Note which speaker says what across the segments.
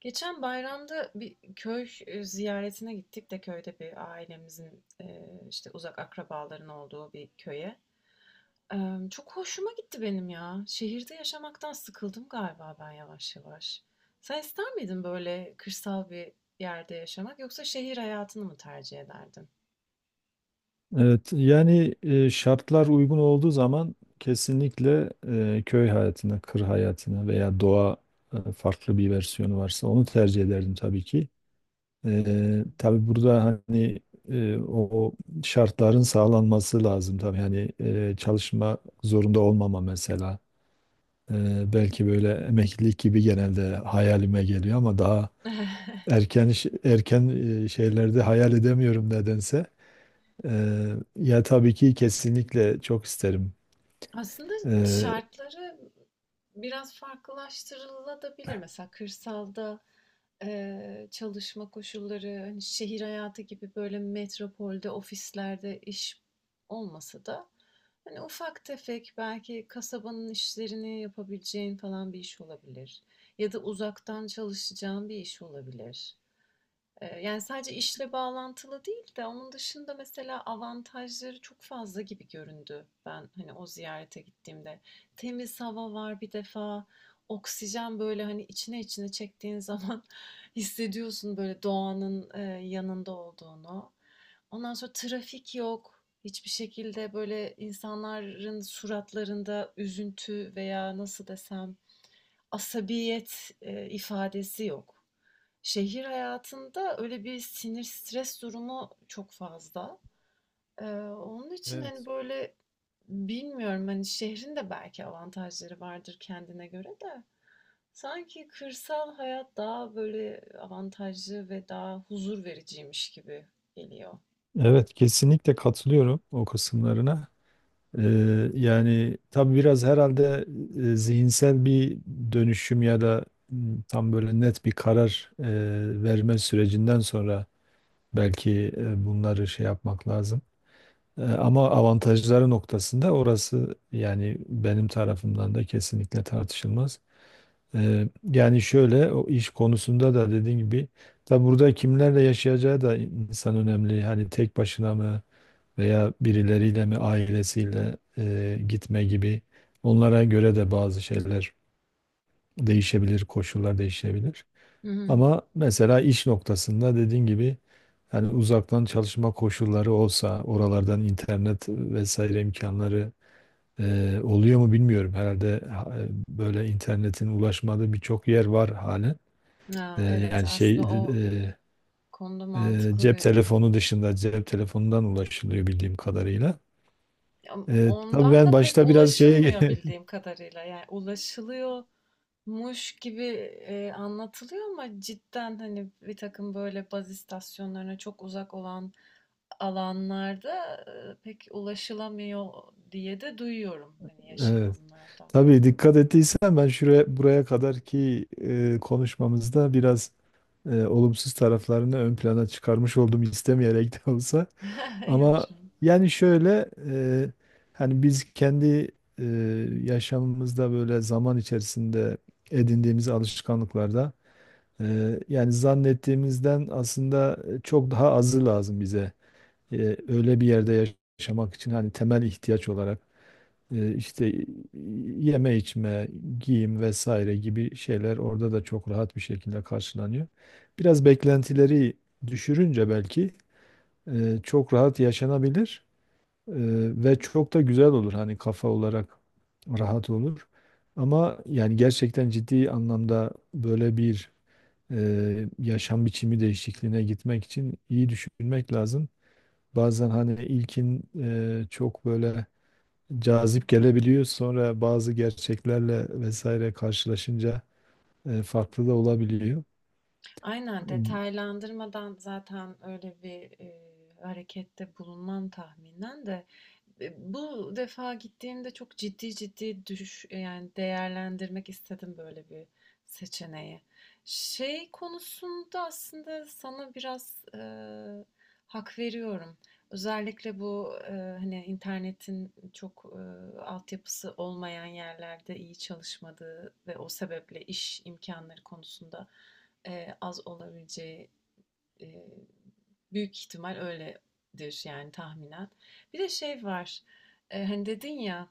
Speaker 1: Geçen bayramda bir köy ziyaretine gittik de köyde bir ailemizin işte uzak akrabaların olduğu bir köye. E, Çok hoşuma gitti benim ya. Şehirde yaşamaktan sıkıldım galiba ben yavaş yavaş. Sen ister miydin böyle kırsal bir yerde yaşamak yoksa şehir hayatını mı tercih ederdin?
Speaker 2: Evet, yani şartlar uygun olduğu zaman kesinlikle köy hayatına, kır hayatına veya doğa farklı bir versiyonu varsa onu tercih ederdim tabii ki. Tabii burada hani e, o o şartların sağlanması lazım tabii. Hani çalışma zorunda olmama mesela. Belki böyle emeklilik gibi genelde hayalime geliyor ama daha erken şeylerde hayal edemiyorum nedense. Ya tabii ki kesinlikle çok isterim.
Speaker 1: Aslında
Speaker 2: Ee,
Speaker 1: şartları biraz farklılaştırılabilir. Mesela kırsalda, çalışma koşulları, hani, şehir hayatı gibi böyle metropolde, ofislerde iş olmasa da, hani, ufak tefek belki kasabanın işlerini yapabileceğin falan bir iş olabilir ya da uzaktan çalışacağın bir iş olabilir, yani sadece işle bağlantılı değil de onun dışında mesela avantajları çok fazla gibi göründü ben hani o ziyarete gittiğimde. Temiz hava var bir defa, oksijen böyle hani içine içine çektiğin zaman hissediyorsun böyle doğanın yanında olduğunu. Ondan sonra trafik yok. Hiçbir şekilde böyle insanların suratlarında üzüntü veya nasıl desem asabiyet ifadesi yok. Şehir hayatında öyle bir sinir, stres durumu çok fazla. Onun için, hani,
Speaker 2: Evet,
Speaker 1: böyle, bilmiyorum, hani, şehrin de belki avantajları vardır kendine göre de sanki kırsal hayat daha, böyle, avantajlı ve daha huzur vericiymiş gibi geliyor.
Speaker 2: evet kesinlikle katılıyorum o kısımlarına. Ee, Yani tabii biraz herhalde zihinsel bir dönüşüm ya da tam böyle net bir karar verme sürecinden sonra belki bunları şey yapmak lazım. Ama avantajları noktasında orası yani benim tarafımdan da kesinlikle tartışılmaz. Yani şöyle o iş konusunda da dediğin gibi tabi burada kimlerle yaşayacağı da insan önemli. Hani tek başına mı veya birileriyle mi ailesiyle gitme gibi onlara göre de bazı şeyler değişebilir, koşullar değişebilir.
Speaker 1: Hı hı.
Speaker 2: Ama mesela iş noktasında dediğin gibi hani uzaktan çalışma koşulları olsa oralardan internet vesaire imkanları oluyor mu bilmiyorum. Herhalde böyle internetin ulaşmadığı birçok yer var halen.
Speaker 1: A, evet,
Speaker 2: Yani şey
Speaker 1: aslında o
Speaker 2: e,
Speaker 1: konuda mantıklı
Speaker 2: cep
Speaker 1: bir.
Speaker 2: telefonu dışında cep telefonundan ulaşılıyor bildiğim kadarıyla.
Speaker 1: Ya,
Speaker 2: Tabii
Speaker 1: ondan
Speaker 2: ben
Speaker 1: da pek
Speaker 2: başta biraz şeye
Speaker 1: ulaşılmıyor bildiğim kadarıyla. Yani ulaşılıyor Muş gibi anlatılıyor ama cidden hani bir takım böyle baz istasyonlarına çok uzak olan alanlarda pek ulaşılamıyor diye de duyuyorum hani
Speaker 2: evet,
Speaker 1: yaşayanlardan.
Speaker 2: tabii dikkat ettiysen ben şuraya buraya kadarki konuşmamızda biraz olumsuz taraflarını ön plana çıkarmış oldum istemeyerek de olsa.
Speaker 1: Yok
Speaker 2: Ama
Speaker 1: canım.
Speaker 2: yani şöyle hani biz kendi e, yaşamımızda böyle zaman içerisinde edindiğimiz alışkanlıklarda yani zannettiğimizden aslında çok daha azı lazım bize. Öyle bir yerde yaşamak için hani temel ihtiyaç olarak işte yeme içme, giyim vesaire gibi şeyler orada da çok rahat bir şekilde karşılanıyor. Biraz beklentileri düşürünce belki çok rahat yaşanabilir eee, ve çok da güzel olur hani kafa olarak rahat olur. Ama yani gerçekten ciddi anlamda böyle bir yaşam biçimi değişikliğine gitmek için iyi düşünmek lazım. Bazen hani ilkin çok böyle cazip gelebiliyor. Sonra bazı gerçeklerle vesaire karşılaşınca farklı da olabiliyor.
Speaker 1: Aynen detaylandırmadan zaten öyle bir harekette bulunmam tahminen de. Bu defa gittiğimde çok ciddi ciddi yani değerlendirmek istedim böyle bir seçeneği. Şey konusunda aslında sana biraz hak veriyorum. Özellikle bu hani internetin çok altyapısı olmayan yerlerde iyi çalışmadığı ve o sebeple iş imkanları konusunda az olabileceği, Eee, büyük ihtimal öyledir yani tahminen. Bir de şey var. Hani dedin ya,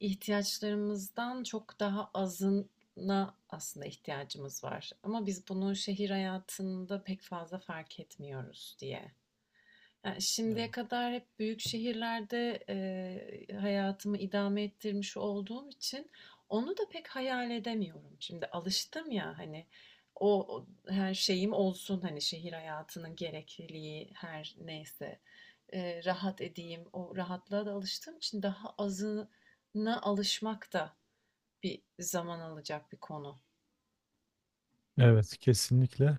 Speaker 1: ihtiyaçlarımızdan çok daha azına aslında ihtiyacımız var. Ama biz bunu şehir hayatında pek fazla fark etmiyoruz diye. Ya,
Speaker 2: Evet.
Speaker 1: şimdiye kadar hep büyük şehirlerde, hayatımı idame ettirmiş olduğum için onu da pek hayal edemiyorum. Şimdi alıştım ya, hani, o her şeyim olsun, hani, şehir hayatının gerekliliği her neyse, rahat edeyim, o rahatlığa da alıştığım için daha azına alışmak da bir zaman alacak bir konu.
Speaker 2: Evet, kesinlikle.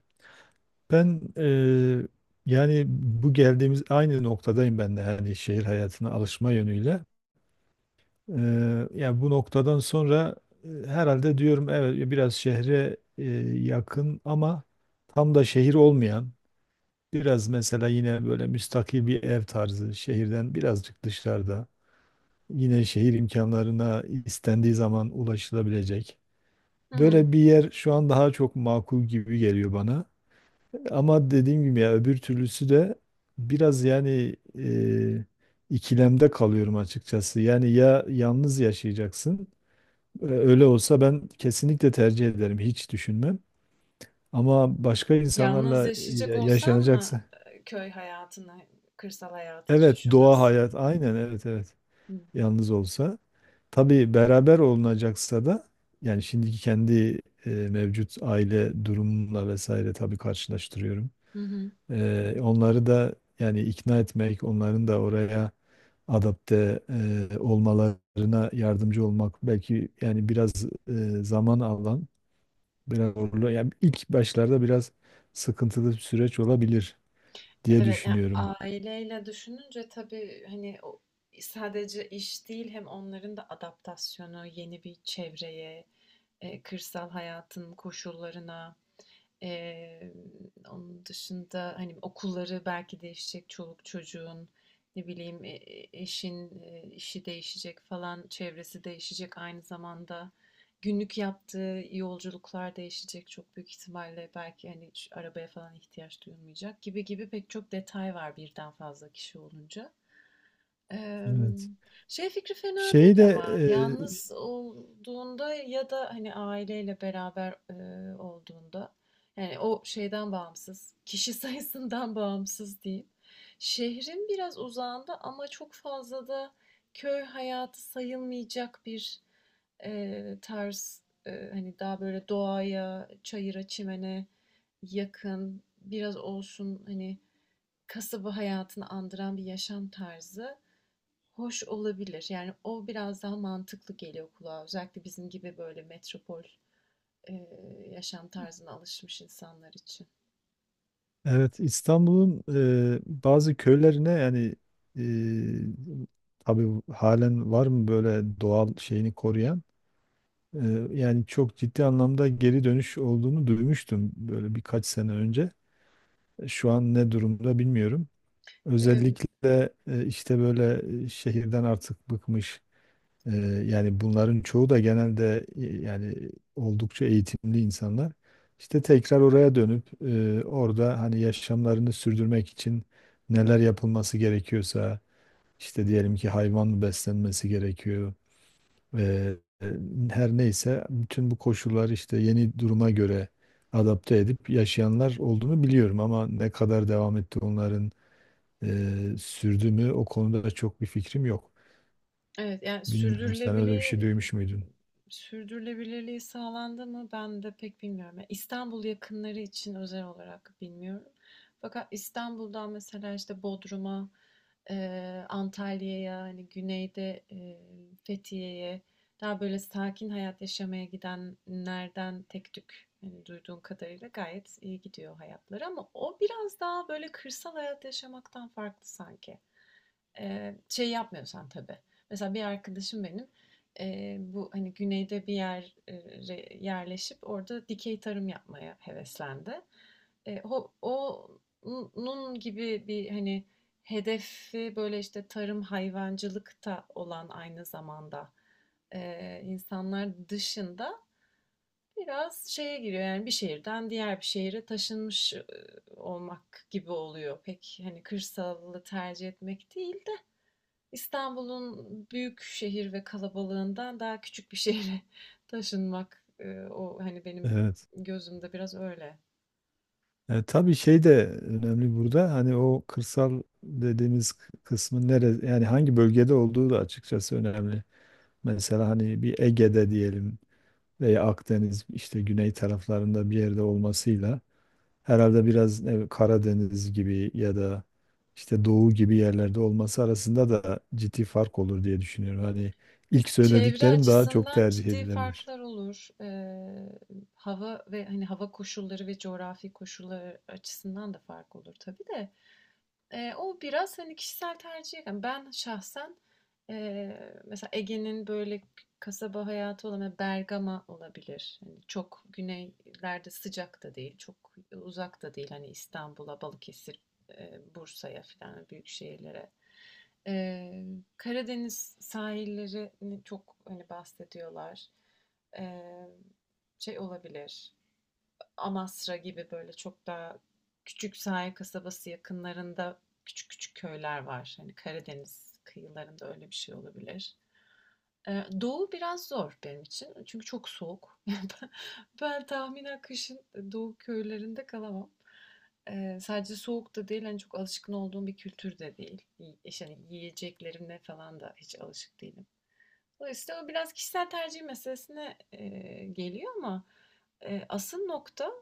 Speaker 2: Ben yani bu geldiğimiz aynı noktadayım ben de yani şehir hayatına alışma yönüyle. Yani bu noktadan sonra herhalde diyorum evet biraz şehre yakın ama tam da şehir olmayan biraz mesela yine böyle müstakil bir ev tarzı şehirden birazcık dışarıda yine şehir imkanlarına istendiği zaman ulaşılabilecek.
Speaker 1: Hı hı.
Speaker 2: Böyle bir yer şu an daha çok makul gibi geliyor bana. Ama dediğim gibi ya öbür türlüsü de biraz yani ikilemde kalıyorum açıkçası. Yani ya yalnız yaşayacaksın öyle olsa ben kesinlikle tercih ederim, hiç düşünmem. Ama başka
Speaker 1: Yalnız
Speaker 2: insanlarla
Speaker 1: yaşayacak olsan mı,
Speaker 2: yaşanacaksa,
Speaker 1: köy hayatını, kırsal hayatı hiç
Speaker 2: evet doğa
Speaker 1: düşünmezsin?
Speaker 2: hayat, aynen evet, evet,
Speaker 1: Hı.
Speaker 2: yalnız olsa. Tabii beraber olunacaksa da yani şimdiki kendi mevcut aile durumumla vesaire tabii karşılaştırıyorum.
Speaker 1: Hı hı.
Speaker 2: Onları da yani ikna etmek, onların da oraya adapte olmalarına yardımcı olmak belki yani biraz zaman alan. Biraz zorlu. Yani ilk başlarda biraz sıkıntılı bir süreç olabilir diye
Speaker 1: Evet, ya,
Speaker 2: düşünüyorum.
Speaker 1: aileyle düşününce tabii, hani, o sadece iş değil, hem onların da adaptasyonu yeni bir çevreye, kırsal hayatın koşullarına. Eee, Onun dışında, hani, okulları belki değişecek çoluk çocuğun, ne bileyim, eşin, işi değişecek falan, çevresi değişecek aynı zamanda. Günlük yaptığı yolculuklar değişecek çok büyük ihtimalle. Belki, hani, hiç arabaya falan ihtiyaç duyulmayacak gibi gibi pek çok detay var birden fazla kişi olunca.
Speaker 2: Evet.
Speaker 1: Emm, Şey fikri fena
Speaker 2: Şeyi
Speaker 1: değil
Speaker 2: de
Speaker 1: ama yalnız olduğunda ya da, hani, aileyle beraber, olduğunda, yani, o şeyden bağımsız, kişi sayısından bağımsız diyeyim. Şehrin biraz uzağında ama çok fazla da köy hayatı sayılmayacak bir, tarz, hani, daha böyle doğaya, çayıra, çimene yakın, biraz olsun, hani, kasaba hayatını andıran bir yaşam tarzı hoş olabilir. Yani o biraz daha mantıklı geliyor kulağa. Özellikle bizim gibi böyle metropol e, yaşam tarzına alışmış insanlar için.
Speaker 2: evet İstanbul'un bazı köylerine yani e, tabii halen var mı böyle doğal şeyini koruyan? E, Yani çok ciddi anlamda geri dönüş olduğunu duymuştum böyle birkaç sene önce. Şu an ne durumda bilmiyorum.
Speaker 1: E,
Speaker 2: Özellikle işte böyle şehirden artık bıkmış. Ee, Yani bunların çoğu da genelde yani oldukça eğitimli insanlar. İşte tekrar oraya dönüp orada hani yaşamlarını sürdürmek için neler yapılması gerekiyorsa işte diyelim ki hayvan mı beslenmesi gerekiyor. e, e, her neyse bütün bu koşullar işte yeni duruma göre adapte edip yaşayanlar olduğunu biliyorum ama ne kadar devam etti onların sürdü mü o konuda da çok bir fikrim yok.
Speaker 1: evet, yani
Speaker 2: Bilmiyorum sen öyle bir şey
Speaker 1: sürdürülebilir
Speaker 2: duymuş muydun?
Speaker 1: Sürdürülebilirliği sağlandı mı? Ben de pek bilmiyorum. Yani İstanbul yakınları için özel olarak bilmiyorum. Fakat İstanbul'dan mesela işte Bodrum'a, Antalya'ya, hani güneyde Fethiye'ye daha böyle sakin hayat yaşamaya gidenlerden tek tük hani duyduğum kadarıyla gayet iyi gidiyor hayatları ama o biraz daha böyle kırsal hayat yaşamaktan farklı sanki. Şey yapmıyorsan tabii. Mesela bir arkadaşım benim bu hani güneyde bir yere yerleşip orada dikey tarım yapmaya heveslendi. E, o, Onun gibi bir hani hedefi böyle işte tarım hayvancılıkta olan aynı zamanda insanlar dışında biraz şeye giriyor, yani bir şehirden diğer bir şehire taşınmış olmak gibi oluyor. Pek hani kırsalı tercih etmek değil, İstanbul'un büyük şehir ve kalabalığından daha küçük bir şehre taşınmak, o hani benim
Speaker 2: Evet.
Speaker 1: gözümde biraz öyle.
Speaker 2: Tabii şey de önemli burada. Hani o kırsal dediğimiz kısmın nere yani hangi bölgede olduğu da açıkçası önemli. Mesela hani bir Ege'de diyelim veya Akdeniz işte güney taraflarında bir yerde olmasıyla herhalde biraz Karadeniz gibi ya da işte Doğu gibi yerlerde olması arasında da ciddi fark olur diye düşünüyorum. Hani ilk
Speaker 1: Çevre
Speaker 2: söylediklerim daha çok
Speaker 1: açısından
Speaker 2: tercih
Speaker 1: ciddi
Speaker 2: edilebilir.
Speaker 1: farklar olur. Hava ve hani hava koşulları ve coğrafi koşulları açısından da fark olur tabii de. O biraz, hani, kişisel tercih kalmış. Ben şahsen, mesela Ege'nin böyle kasaba hayatı olan hani, Bergama olabilir. Hani, çok güneylerde sıcak da değil, çok uzak da değil. Hani, İstanbul'a, Balıkesir, Bursa'ya filan büyük şehirlere. Eee, Karadeniz sahillerini çok, hani, bahsediyorlar. Eee, Şey olabilir. Amasra gibi böyle çok daha küçük sahil kasabası yakınlarında küçük küçük köyler var. Hani Karadeniz kıyılarında öyle bir şey olabilir. Doğu biraz zor benim için. Çünkü çok soğuk. Ben tahminen kışın doğu köylerinde kalamam. Sadece soğuk da değil, hani çok alışkın olduğum bir kültür de değil. İşte hani yiyeceklerine falan da hiç alışık değilim. Dolayısıyla o biraz kişisel tercih meselesine, geliyor ama, asıl nokta,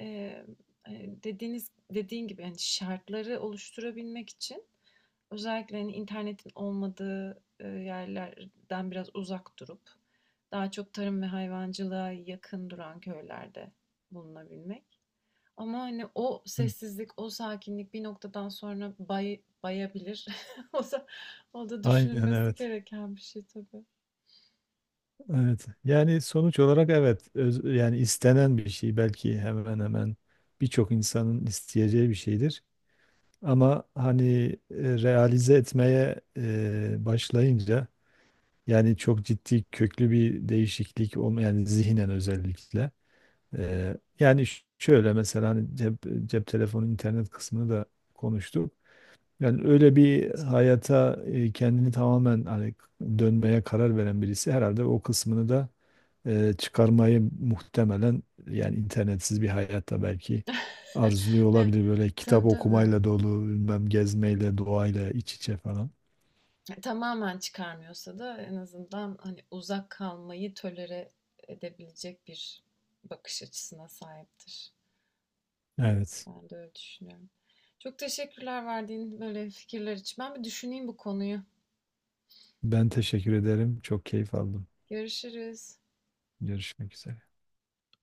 Speaker 1: eee, hani, dediğin gibi, yani şartları oluşturabilmek için özellikle, hani, internetin olmadığı, yerlerden biraz uzak durup daha çok tarım ve hayvancılığa yakın duran köylerde bulunabilmek. Ama, hani, o
Speaker 2: Hı,
Speaker 1: sessizlik, o sakinlik bir noktadan sonra bay bayabilir. O da o da
Speaker 2: aynen
Speaker 1: düşünülmesi
Speaker 2: evet.
Speaker 1: gereken bir şey tabii.
Speaker 2: Evet. Yani sonuç olarak evet. Yani istenen bir şey belki hemen hemen birçok insanın isteyeceği bir şeydir. Ama hani e, realize etmeye başlayınca yani çok ciddi köklü bir değişiklik olma yani zihnen özellikle. Yani şöyle mesela hani cep telefonu internet kısmını da konuştuk. Yani öyle bir hayata kendini tamamen hani dönmeye karar veren birisi herhalde o kısmını da çıkarmayı muhtemelen yani internetsiz bir hayatta belki arzuluyor
Speaker 1: Evet,
Speaker 2: olabilir. Böyle kitap
Speaker 1: tabii tabii.
Speaker 2: okumayla dolu, bilmem gezmeyle, doğayla iç içe falan.
Speaker 1: Tamamen çıkarmıyorsa da en azından hani uzak kalmayı tolere edebilecek bir bakış açısına sahiptir.
Speaker 2: Evet.
Speaker 1: Ben de öyle düşünüyorum. Çok teşekkürler verdiğin böyle fikirler için. Ben bir düşüneyim bu konuyu.
Speaker 2: Ben teşekkür ederim. Çok keyif aldım.
Speaker 1: Görüşürüz.
Speaker 2: Görüşmek üzere.